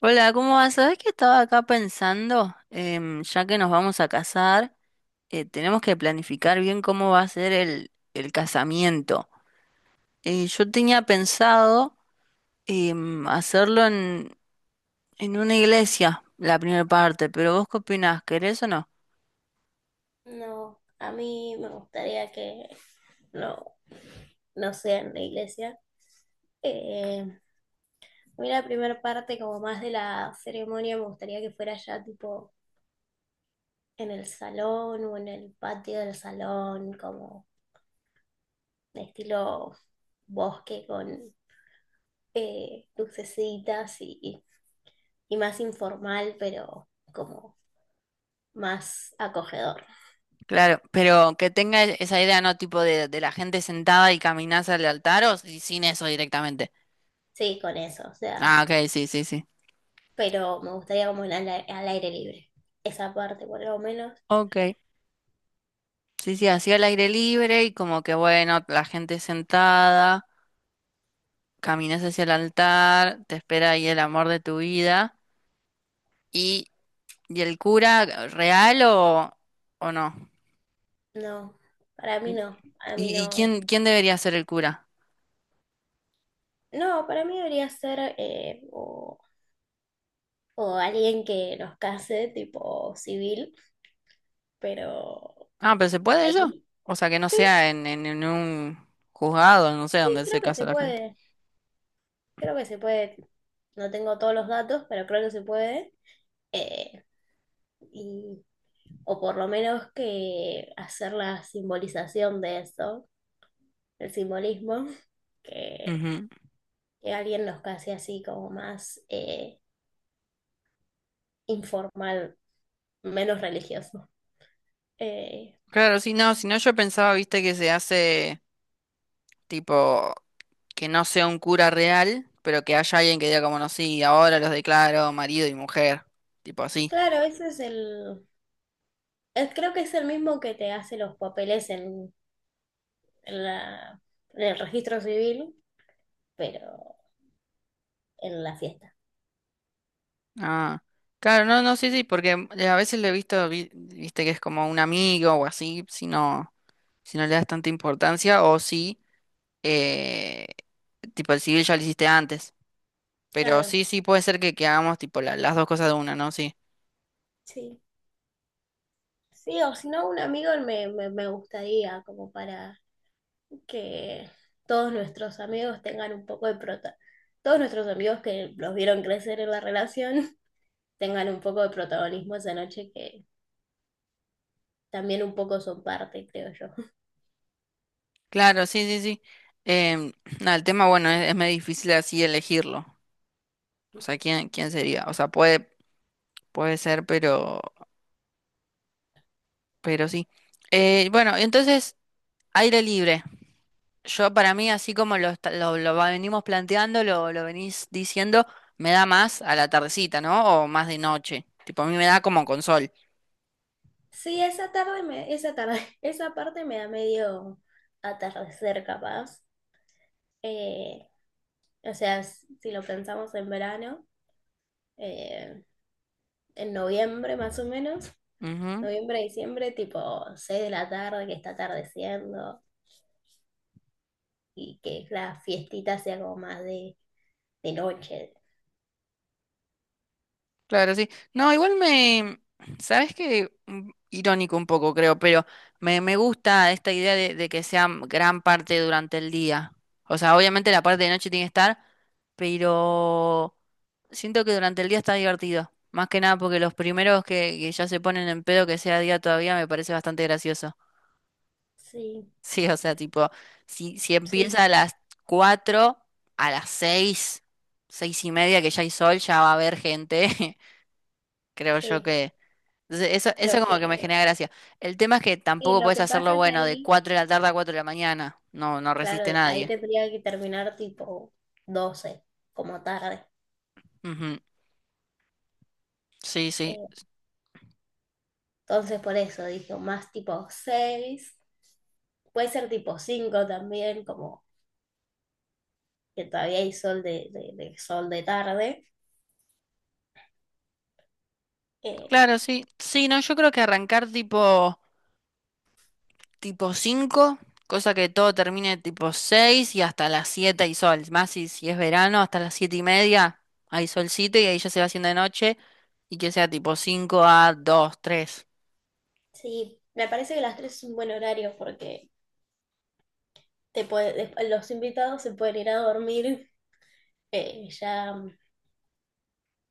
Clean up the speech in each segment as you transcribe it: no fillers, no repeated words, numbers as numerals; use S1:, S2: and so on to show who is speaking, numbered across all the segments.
S1: Hola, ¿cómo vas? Sabés que estaba acá pensando, ya que nos vamos a casar, tenemos que planificar bien cómo va a ser el casamiento. Yo tenía pensado hacerlo en una iglesia, la primera parte, pero ¿vos qué opinás? ¿Querés o no?
S2: No, a mí me gustaría que no, no sea en la iglesia. Eh, a mí la primera parte, como más de la ceremonia, me gustaría que fuera ya tipo en el salón o en el patio del salón, como de estilo bosque con lucecitas y más informal, pero como más acogedor.
S1: Claro, pero que tenga esa idea, ¿no? Tipo de la gente sentada y caminás al altar o sin eso directamente.
S2: Sí, con eso, o sea,
S1: Ah, ok, sí, sí, sí.
S2: pero me gustaría como en al aire libre. Esa parte, por lo menos.
S1: Ok, sí, sí, así al aire libre y como que bueno, la gente sentada. Caminas hacia el altar, te espera ahí el amor de tu vida. ¿Y, ¿y el cura real o no?
S2: No, para mí no, para mí
S1: ¿Y
S2: no.
S1: quién, quién debería ser el cura?
S2: No, para mí debería ser o alguien que nos case, tipo civil, pero
S1: Ah, pero ¿se puede eso?
S2: ahí
S1: O sea, que no
S2: sí,
S1: sea en, en un juzgado, no sé,
S2: sí,
S1: donde se
S2: creo que
S1: casa
S2: se
S1: la gente.
S2: puede, creo que se puede. No tengo todos los datos, pero creo que se puede. eh, y, o por lo menos que hacer la simbolización de eso, el simbolismo, que,
S1: Ujú.
S2: que alguien nos case así como más informal, menos religioso. Eh,
S1: Claro, sí, no, si no yo pensaba, viste, que se hace tipo que no sea un cura real, pero que haya alguien que diga como no, sí, ahora los declaro marido y mujer, tipo así.
S2: claro, ese es el, es- creo que es el mismo que te hace los papeles en la, en el registro civil, pero en la fiesta.
S1: Ah, claro, no, no, sí, sí, porque a veces lo he visto, viste que es como un amigo o así, si no, si no le das tanta importancia, o si, eh, tipo, el civil ya lo hiciste antes, pero
S2: Claro,
S1: sí, sí, puede ser que hagamos, tipo, las dos cosas de una, ¿no? Sí,
S2: sí. Sí, o si no, un amigo me gustaría como para que todos nuestros amigos tengan un poco de prota, todos nuestros amigos que los vieron crecer en la relación tengan un poco de protagonismo esa noche que también un poco son parte, creo yo.
S1: claro, sí, sí, sí. Em, nada, el tema, bueno, es medio difícil así elegirlo, o sea, ¿quién, quién sería? O sea, puede, puede ser, pero sí. Bueno, entonces, aire libre. Yo para mí, así como lo, lo, venimos planteando, lo venís diciendo, me da más a la tardecita, ¿no? O más de noche. Tipo, a mí me da como con sol.
S2: Sí, esa tarde, esa parte me da medio atardecer capaz. Eh, o sea, si lo pensamos en verano, eh, en noviembre más o menos,
S1: Ujú.
S2: noviembre, diciembre, tipo 6 de la tarde que está atardeciendo y que la fiestita sea como más de noche.
S1: Claro, sí. No, igual me... ¿Sabes qué? Mm, irónico un poco, creo, pero me gusta esta idea de que sea gran parte durante el día. O sea, obviamente la parte de noche tiene que estar, pero siento que durante el día está divertido. Más que nada porque los primeros que ya se ponen en pedo que sea día todavía me parece bastante gracioso.
S2: Sí,
S1: Sí, o sea, tipo, si, si
S2: sí,
S1: empieza a las 4 a las 6 6 y media que ya hay sol, ya va a haber gente. Creo yo
S2: sí.
S1: que... Entonces, eso
S2: Lo
S1: como que me
S2: que,
S1: genera gracia. El tema es que
S2: y
S1: tampoco
S2: lo
S1: puedes
S2: que
S1: hacerlo,
S2: pasa que
S1: bueno, de
S2: ahí,
S1: 4 de la tarde a 4 de la mañana. No, no resiste
S2: claro, ahí
S1: nadie.
S2: tendría que terminar tipo 12 como tarde.
S1: Ujú. Sí, sí.
S2: Eh, Entonces por eso dije más tipo 6, puede ser tipo 5 también, como que todavía hay sol de sol de tarde. Eh,
S1: Claro, sí. Sí, no, yo creo que arrancar tipo... tipo 5 cosa que todo termine tipo 6 y hasta las 7 hay sol. Más si, si es verano, hasta las 7 y media hay solcito y ahí ya se va haciendo de noche y que sea tipo 5 a 2 3.
S2: sí, me parece que las 3 es un buen horario porque los invitados se pueden ir a dormir, ya,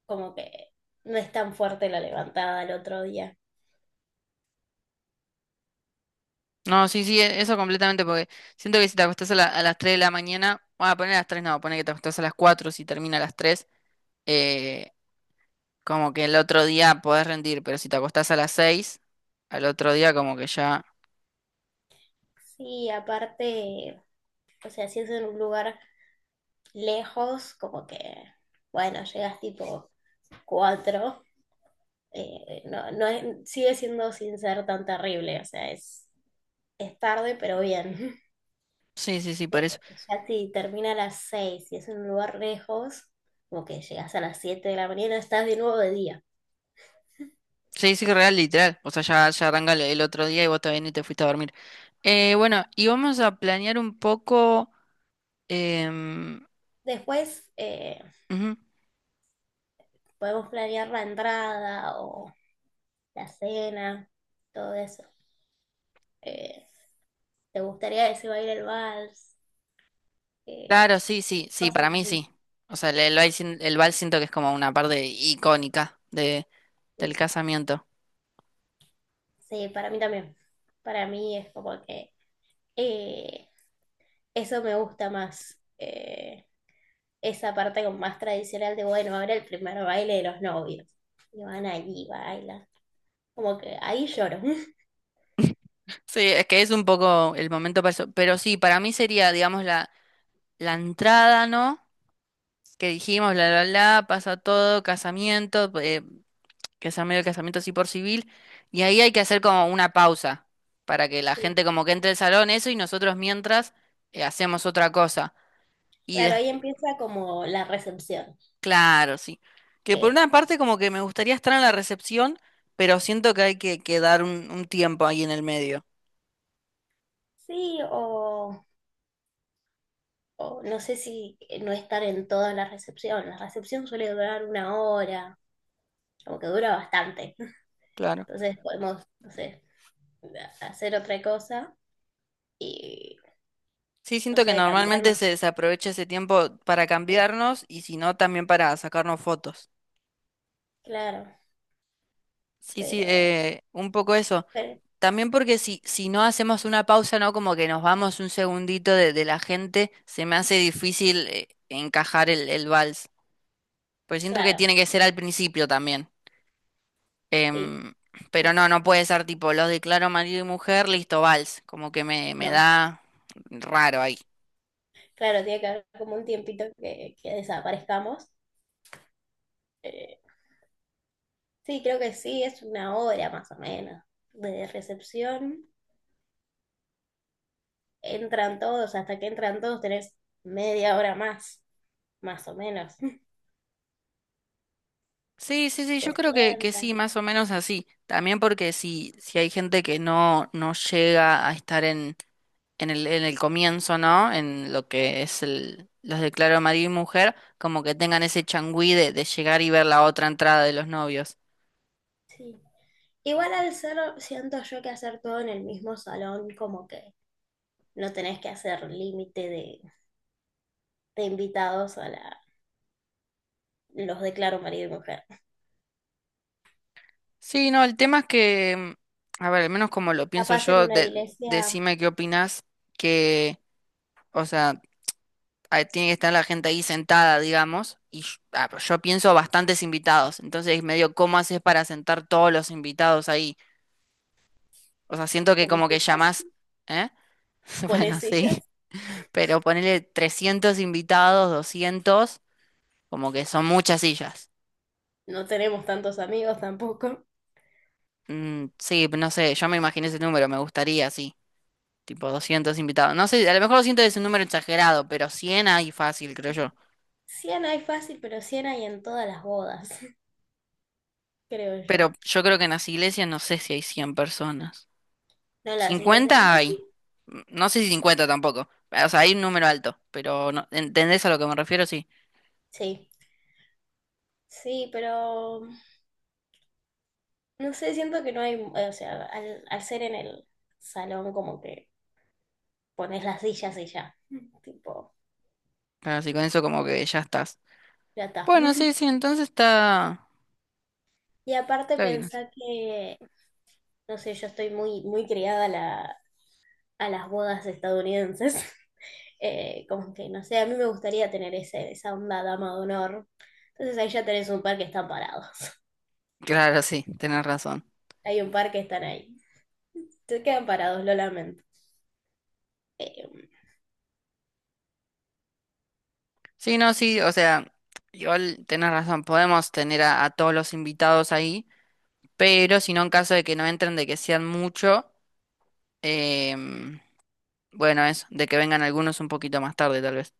S2: como que no es tan fuerte la levantada al otro día.
S1: No, sí, sí, eso completamente porque siento que si te acostás a, a las 3 de la mañana, bueno, poner a las 3 no, poner que te acostás a las 4 si termina a las 3, eh, como que el otro día podés rendir, pero si te acostás a las 6 al otro día como que ya...
S2: Sí, aparte, o sea, si es en un lugar lejos, como que, bueno, llegas tipo 4, sigue siendo sin ser tan terrible, o sea, es tarde, pero bien.
S1: Sí, sí, sí,
S2: Eh,
S1: por eso.
S2: Ya si termina a las 6 y es en un lugar lejos, como que llegas a las 7 de la mañana, estás de nuevo de día.
S1: Sí, sí, real, literal. O sea, ya, ya arranca el otro día y vos todavía ni te fuiste a dormir. Bueno, y vamos a planear un poco. em,
S2: Después
S1: ujú.
S2: podemos planear la entrada o la cena, todo eso. Eh, ¿Te gustaría que se baile el vals? Eh,
S1: Claro, sí, sí, sí, para
S2: Cosas
S1: mí
S2: así.
S1: sí. O sea, el baile sin- el vals siento que es como una parte icónica de,
S2: Sí,
S1: del casamiento.
S2: sí, para mí también. Para mí es como que. eh, Eso me gusta más, esa parte como más tradicional de, bueno, ahora el primer baile de los novios. Y van allí, bailan. Como que ahí lloro.
S1: Sí, es que es un poco el momento para eso. Pero sí, para mí sería, digamos, la entrada, ¿no? Que dijimos, pasa todo, casamiento. Que sea medio del casamiento así por civil, y ahí hay que hacer como una pausa para que la
S2: Sí.
S1: gente como que entre al salón, eso, y nosotros mientras hacemos otra cosa. Y
S2: Claro,
S1: des-
S2: ahí empieza como la recepción,
S1: claro, sí. Que por
S2: que
S1: una parte como que me gustaría estar en la recepción, pero siento que hay que dar un tiempo ahí en el medio.
S2: sí, o no sé si no estar en toda la recepción. La recepción suele durar una hora, como que dura bastante.
S1: Claro.
S2: Entonces podemos, no sé, hacer otra cosa y,
S1: Sí,
S2: no
S1: siento que
S2: sé,
S1: normalmente
S2: cambiarnos.
S1: se, se aprovecha ese tiempo para
S2: Sí,
S1: cambiarnos y si no, también para sacarnos fotos.
S2: claro,
S1: Sí, sí,
S2: pero,
S1: un poco eso.
S2: pero
S1: También porque si, si no hacemos una pausa, ¿no? Como que nos vamos un segundito de la gente, se me hace difícil encajar el vals. Pues siento que
S2: claro.
S1: tiene que ser al principio también.
S2: Sí,
S1: Em, pero
S2: ento-
S1: no, no puede ser tipo, los declaro marido y mujer, listo, vals. Como que me
S2: no.
S1: da raro ahí.
S2: Claro, tiene que haber como un tiempito que desaparezcamos. Eh, sí, creo que sí, es una hora más o menos de recepción. Entran todos, hasta que entran todos tenés media hora más, más o menos.
S1: Sí, sí, sí, yo
S2: Se
S1: creo que sí,
S2: sientan,
S1: más o menos así. También porque si, si hay gente que no, no llega a estar en el comienzo, ¿no? En lo que es el, los declaro marido y mujer, como que tengan ese changüí de llegar y ver la otra entrada de los novios.
S2: sí. Igual al ser, siento yo que hacer todo en el mismo salón, como que no tenés que hacer límite de invitados a los declaro marido y mujer.
S1: Sí, no, el tema es que, mm, a ver, al menos como lo pienso
S2: Capaz en
S1: yo,
S2: una iglesia
S1: decime qué opinas, que, o sea, ah, tiene que estar la gente ahí sentada, digamos, y yo, ah, pero yo pienso bastantes invitados, entonces medio, ¿cómo haces para sentar todos los invitados ahí? O sea, siento que
S2: pones
S1: como que
S2: sillas,
S1: llamás, ¿eh?
S2: pones
S1: Bueno, sí.
S2: sillas.
S1: Pero ponele 300 invitados, 200, como que son muchas sillas.
S2: No tenemos tantos amigos tampoco.
S1: Mm, sí, no sé, yo me imaginé ese número, me gustaría, sí, tipo 200 invitados. No sé, a lo mejor 200 es un número exagerado, pero 100 hay fácil, creo yo.
S2: Sí. Siena hay fácil, pero Siena hay en todas las bodas, creo yo.
S1: Pero yo creo que en las iglesias no sé si hay 100 personas.
S2: No en las iglesias,
S1: 50
S2: ¿no?
S1: hay,
S2: Sí,
S1: mm, no sé si 50 tampoco. O sea, hay un número alto, pero no, ¿entendés a lo que me refiero? Sí.
S2: sí, sí, pero no sé, siento que no hay, o sea, al ser en el salón como que pones las sillas y ya, tipo,
S1: Así con eso como que ya estás.
S2: ya está.
S1: Bueno, sí, sí, entonces está,
S2: Y aparte
S1: está bien.
S2: pensar que, no sé, yo estoy muy, muy criada a las bodas estadounidenses. Como que, no sé, a mí me gustaría tener esa onda dama de honor. Entonces ahí ya tenés un par que están parados.
S1: Claro, sí, tenés razón.
S2: Hay un par que están ahí. Se quedan parados, lo lamento. Eh,
S1: Sí, no, sí, o sea, igual tenés razón, podemos tener a todos los invitados ahí, pero si no, en caso de que no entren, de que sean mucho, em, bueno, eso, de que vengan algunos un poquito más tarde, tal vez.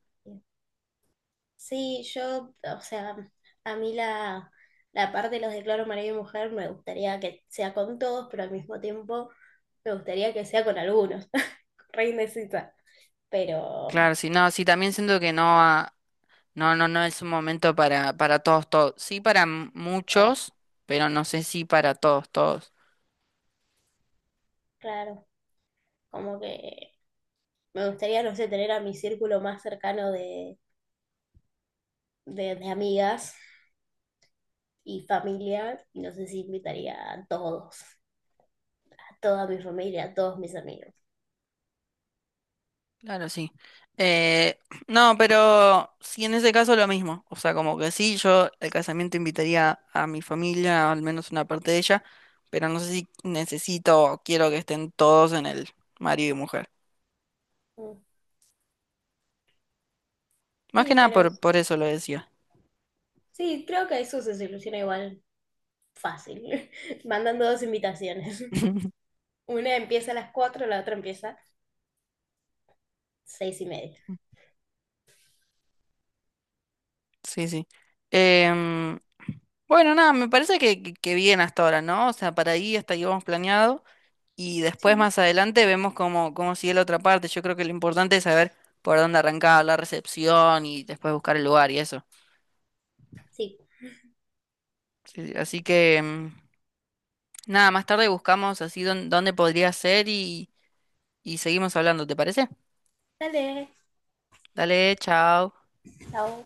S2: sí, yo, o sea, a mí la parte de los declaro marido y mujer me gustaría que sea con todos, pero al mismo tiempo me gustaría que sea con algunos. Re indecisa. Pero,
S1: Claro, sí, no, sí, también siento que no, ah, no, no, no es un momento para todos, todos. Sí, para
S2: claro,
S1: muchos, pero no sé si para todos, todos.
S2: claro, como que me gustaría, no sé, tener a mi círculo más cercano de amigas y familiar, y no sé si invitaría a todos, a toda mi familia, a todos mis amigos.
S1: Claro, sí. Eh, no, pero sí, en ese caso lo mismo. O sea, como que sí, yo el casamiento invitaría a mi familia, al menos una parte de ella, pero no sé si necesito o quiero que estén todos en el marido y mujer.
S2: Mm,
S1: Más que
S2: sí,
S1: nada
S2: pero
S1: por, por eso lo decía.
S2: sí, creo que eso se soluciona igual fácil, mandando dos invitaciones. Una empieza a las 4, la otra empieza a 6:30.
S1: Sí, sí. Em, bueno, nada, me parece que bien hasta ahora, ¿no? O sea, para ahí hasta ahí vamos planeado. Y después
S2: Sí,
S1: más adelante vemos cómo, cómo sigue la otra parte. Yo creo que lo importante es saber por dónde arrancar la recepción y después buscar el lugar y eso.
S2: sí.
S1: Sí, sí. Así que mm, nada, más tarde buscamos así dónde podría ser y seguimos hablando, ¿te parece?
S2: Dale,
S1: Dale, chao.
S2: chao.